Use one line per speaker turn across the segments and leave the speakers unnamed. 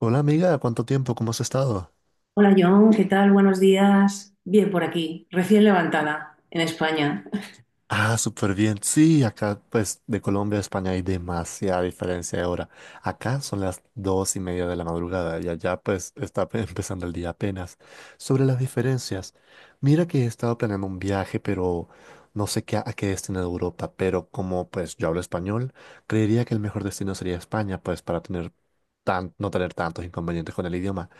Hola amiga, ¿cuánto tiempo? ¿Cómo has estado?
Hola John, ¿qué tal? Buenos días. Bien por aquí, recién levantada en España.
Ah, súper bien. Sí, acá pues de Colombia a España hay demasiada diferencia de hora. Acá son las dos y media de la madrugada y allá pues está pe- empezando el día apenas. Sobre las diferencias, mira que he estado planeando un viaje, pero no sé qué, a qué destino de Europa, pero como pues yo hablo español, creería que el mejor destino sería España, pues para tener tan, no tener tantos inconvenientes con el idioma.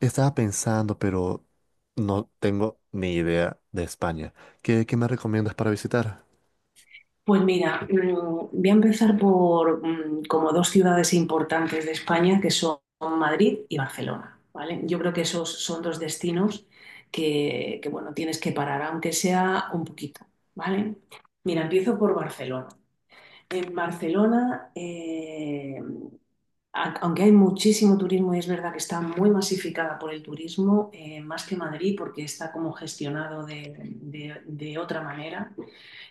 Estaba pensando, pero no tengo ni idea de España. ¿Qué me recomiendas para visitar?
Pues mira, voy a empezar por como dos ciudades importantes de España, que son Madrid y Barcelona, ¿vale? Yo creo que esos son dos destinos que, bueno, tienes que parar, aunque sea un poquito, ¿vale? Mira, empiezo por Barcelona. En Barcelona, aunque hay muchísimo turismo y es verdad que está muy masificada por el turismo, más que Madrid, porque está como gestionado de otra manera,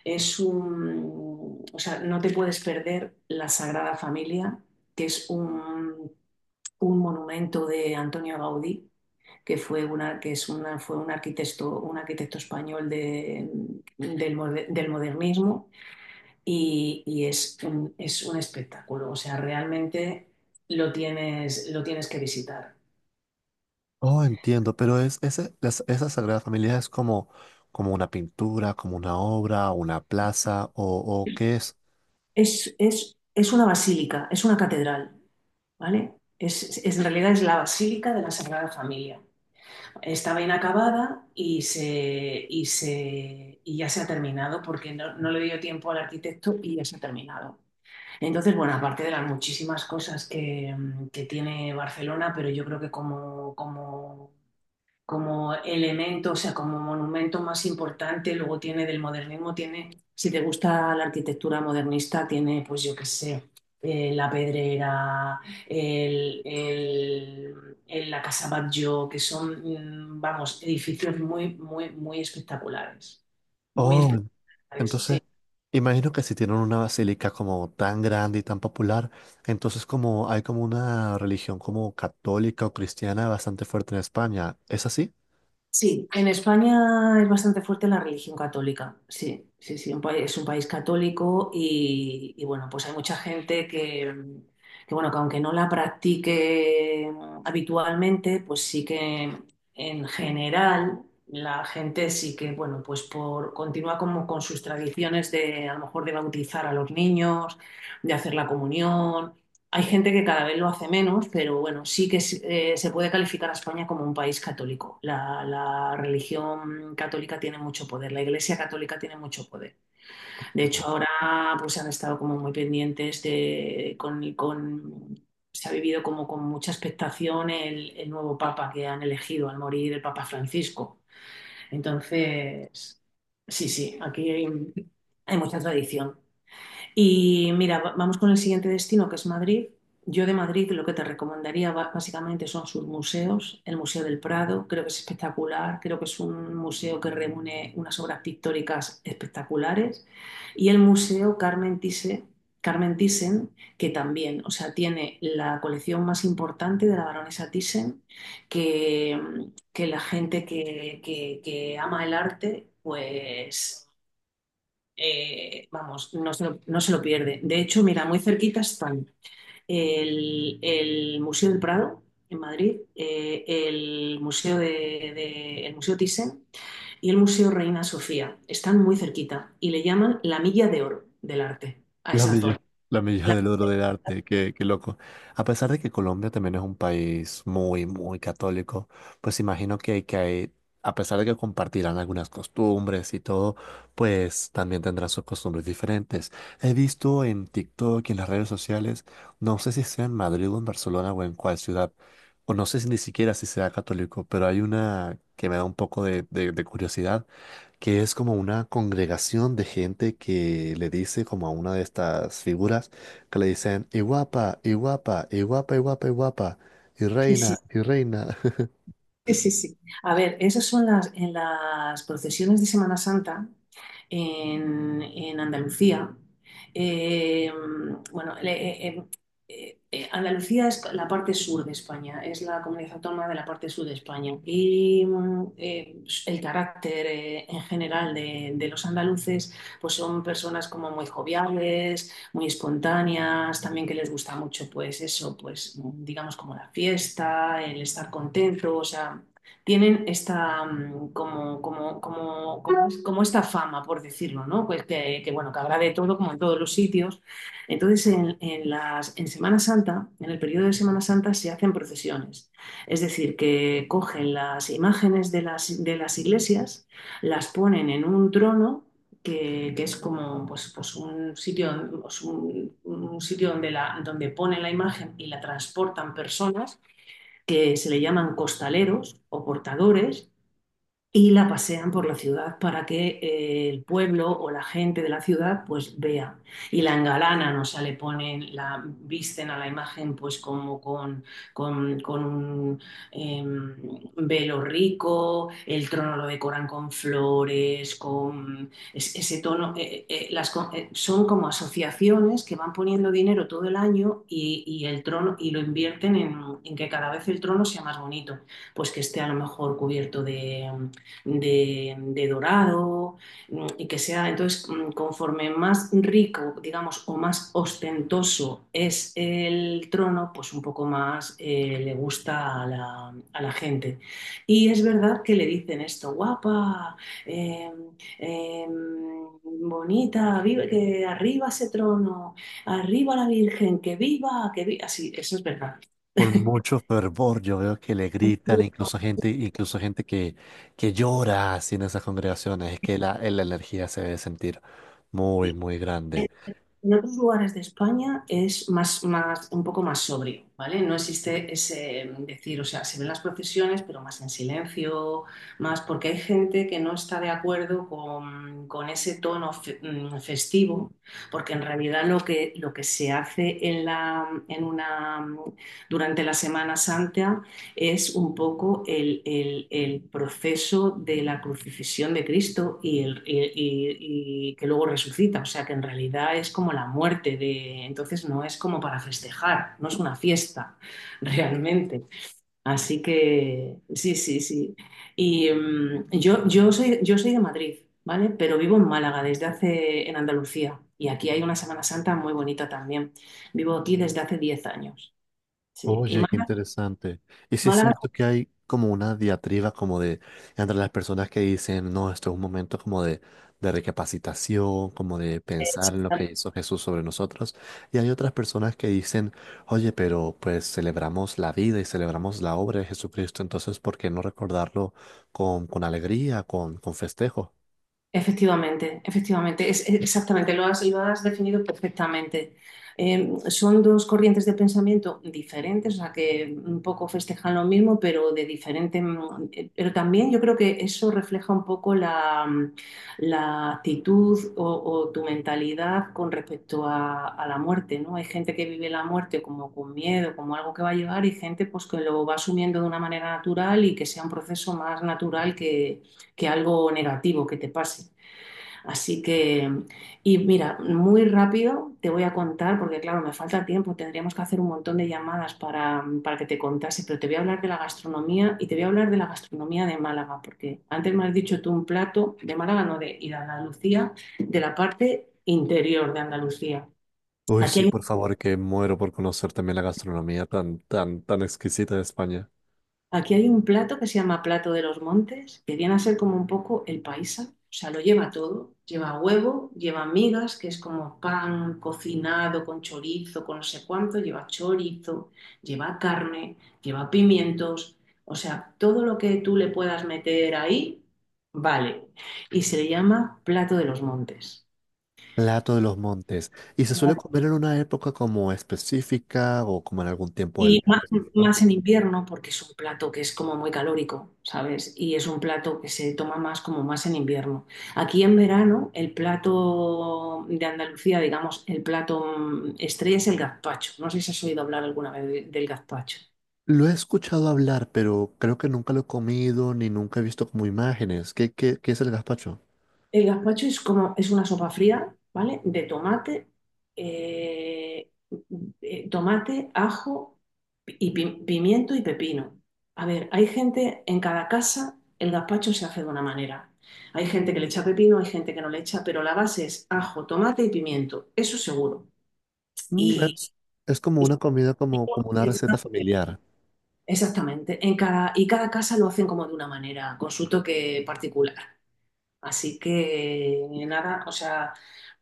o sea, no te puedes perder la Sagrada Familia, que es un monumento de Antonio Gaudí, que fue una, que es una, fue un arquitecto español del modernismo, y es un espectáculo, o sea, realmente lo tienes que visitar.
Oh, entiendo, pero es, ese, las- esa Sagrada Familia es como, como una pintura, como una obra, una plaza, o qué es.
Es una basílica, es una catedral, ¿vale? En realidad es la Basílica de la Sagrada Familia. Estaba inacabada y ya se ha terminado porque no le dio tiempo al arquitecto y ya se ha terminado. Entonces, bueno, aparte de las muchísimas cosas que tiene Barcelona, pero yo creo que como elemento, o sea, como monumento más importante, luego tiene del modernismo, tiene, si te gusta la arquitectura modernista, tiene, pues yo qué sé, la Pedrera, la Casa Batlló, que son, vamos, edificios muy, muy, muy
Oh,
espectaculares,
entonces,
sí.
imagino que si tienen una basílica como tan grande y tan popular, entonces como hay como una religión como católica o cristiana bastante fuerte en España, ¿es así?
Sí, en España es bastante fuerte la religión católica. Sí, sí, sí, es un país católico y, bueno, pues hay mucha gente que, bueno, que aunque no la practique habitualmente, pues sí que en general la gente sí que, bueno, continúa como con sus tradiciones de a lo mejor de bautizar a los niños, de hacer la comunión. Hay gente que cada vez lo hace menos, pero bueno, se puede calificar a España como un país católico. La religión católica tiene mucho poder, la Iglesia católica tiene mucho poder. De hecho, ahora pues han estado como muy pendientes. Se ha vivido como con mucha expectación el nuevo papa que han elegido al morir el Papa Francisco. Entonces, sí, sí, aquí hay mucha tradición. Y mira, vamos con el siguiente destino, que es Madrid. Yo de Madrid lo que te recomendaría básicamente son sus museos, el Museo del Prado, creo que es espectacular, creo que es un museo que reúne unas obras pictóricas espectaculares, y el Museo Carmen Thyssen, que también, o sea, tiene la colección más importante de la baronesa Thyssen, que, que la gente que ama el arte, pues vamos, no se lo pierde. De hecho, mira, muy cerquita están el Museo del Prado en Madrid, el Museo Thyssen y el Museo Reina Sofía. Están muy cerquita y le llaman la milla de oro del arte a
La
esa zona.
milla, la milla
La-
del oro del arte, qué, qué loco. A pesar de que Colombia también es un país muy, muy católico, pues imagino que hay, a pesar de que compartirán algunas costumbres y todo, pues también tendrán sus costumbres diferentes. He visto en TikTok y en las redes sociales, no sé si sea en Madrid o en Barcelona o en cuál ciudad, o no sé si ni siquiera si sea católico, pero hay una que me da un poco de, de curiosidad, que es como una congregación de gente que le dice como a una de estas figuras, que le dicen y guapa, y guapa, y guapa, y guapa, y guapa, y
sí, sí,
reina, y reina.
sí, sí, sí. A ver, esas son en las procesiones de Semana Santa en Andalucía. eh, bueno, eh, em, Andalucía es la parte sur de España, es la comunidad autónoma de la parte sur de España. Y el carácter en general de los andaluces, pues son personas como muy joviales, muy espontáneas, también que les gusta mucho, pues eso, pues digamos como la fiesta, el estar contento, o sea, tienen esta mm, como, como, como, como, como esta fama, por decirlo, ¿no? Pues que, bueno, que habrá de todo, como en todos los sitios. Entonces, en Semana Santa, en el periodo de Semana Santa, se hacen procesiones. Es decir, que cogen las imágenes de las iglesias, las ponen en un trono que es como pues un sitio, pues, un sitio donde ponen la imagen y la transportan personas que se le llaman costaleros o portadores y la pasean por la ciudad para que el pueblo o la gente de la ciudad pues vea y la engalanan, o sea, le ponen, la visten a la imagen pues como con un em, velo rico, el trono lo decoran con flores, con ese tono, son como asociaciones que van poniendo dinero todo el año y el trono y lo invierten en que cada vez el trono sea más bonito, pues que esté a lo mejor cubierto de dorado, y que sea, entonces, conforme más rico, digamos, o más ostentoso es el trono, pues un poco más le gusta a la gente. Y es verdad que le dicen esto, guapa, eh, eh, bonita, vive, que arriba ese trono, arriba la Virgen, que viva, así, eso es verdad.
Con mucho fervor yo veo que le gritan, incluso gente que llora así en esas congregaciones. Es que la energía se debe sentir muy, muy grande.
En otros lugares de España es un poco más sobrio, ¿vale? No existe ese decir, o sea, se ven las procesiones, pero más en silencio, más porque hay gente que no está de acuerdo con ese tono festivo, porque en realidad lo que se hace en la, en una, mm, durante la Semana Santa es un poco el proceso de la crucifixión de Cristo y que luego resucita. O sea que en realidad es como la muerte de. Entonces no es como para festejar, no es una fiesta realmente. Así que sí, sí, sí. Y yo soy de Madrid, ¿vale? Pero vivo en Málaga desde hace, en Andalucía. Y aquí hay una Semana Santa muy bonita también. Vivo aquí desde hace 10 años. Sí. Y
Oye, qué
Málaga.
interesante. Y sí es
Málaga.
cierto que hay como una diatriba como de, entre las personas que dicen, no, esto es un momento como de recapacitación, como de pensar en lo que hizo Jesús sobre nosotros. Y hay otras personas que dicen, oye, pero pues celebramos la vida y celebramos la obra de Jesucristo, entonces ¿por qué no recordarlo con alegría, con festejo?
Efectivamente, efectivamente, exactamente, lo has definido perfectamente. Son dos corrientes de pensamiento diferentes, o sea, que un poco festejan lo mismo, pero de diferente. Pero también yo creo que eso refleja un poco la actitud o tu mentalidad con respecto a la muerte, ¿no? Hay gente que vive la muerte como con miedo, como algo que va a llegar, y gente pues que lo va asumiendo de una manera natural y que sea un proceso más natural que algo negativo que te pase. Así que, y mira, muy rápido te voy a contar, porque claro, me falta tiempo, tendríamos que hacer un montón de llamadas para que te contase, pero te voy a hablar de la gastronomía y te voy a hablar de la gastronomía de Málaga, porque antes me has dicho tú un plato de Málaga, no de, y de Andalucía, de la parte interior de Andalucía.
Uy,
Aquí
sí,
hay
por favor, que muero por conocer también la gastronomía tan, tan, tan exquisita de España.
Aquí hay un plato que se llama plato de los montes, que viene a ser como un poco el paisa, o sea, lo lleva todo, lleva huevo, lleva migas, que es como pan cocinado con chorizo, con no sé cuánto, lleva chorizo, lleva carne, lleva pimientos, o sea, todo lo que tú le puedas meter ahí, vale, y se le llama plato de los montes.
Plato de los montes. ¿Y se suele comer en una época como específica o como en algún tiempo del
Y
día
más,
específico?
más en invierno, porque es un plato que es como muy calórico, ¿sabes? Y es un plato que se toma más como más en invierno. Aquí en verano, el plato de Andalucía, digamos, el plato estrella es el gazpacho. No sé si has oído hablar alguna vez del gazpacho.
Lo he escuchado hablar, pero creo que nunca lo he comido ni nunca he visto como imágenes. ¿Qué, qué es el gazpacho?
El gazpacho es como, es una sopa fría, ¿vale? De tomate, eh, tomate, ajo y pimiento y pepino. A ver, hay gente en cada casa, el gazpacho se hace de una manera. Hay gente que le echa pepino, hay gente que no le echa, pero la base es ajo, tomate y pimiento, eso seguro.
Mm,
Y,
es como
y-
una comida, como, como una receta familiar.
Exactamente, en cada, y cada casa lo hacen como de una manera, con su toque particular. Así que nada, o sea,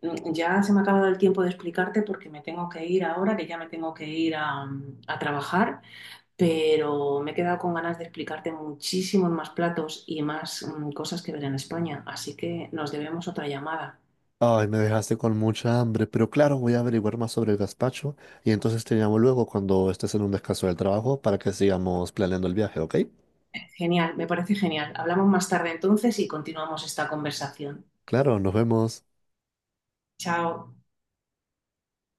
ya se me ha acabado el tiempo de explicarte porque me tengo que ir ahora, que ya me tengo que ir a trabajar, pero me he quedado con ganas de explicarte muchísimos más platos y más cosas que ver en España, así que nos debemos otra llamada.
Ay, me dejaste con mucha hambre, pero claro, voy a averiguar más sobre el gazpacho y entonces te llamo luego cuando estés en un descanso del trabajo para que sigamos planeando el viaje, ¿ok?
Genial, me parece genial. Hablamos más tarde entonces y continuamos esta conversación.
Claro, nos vemos.
Chao.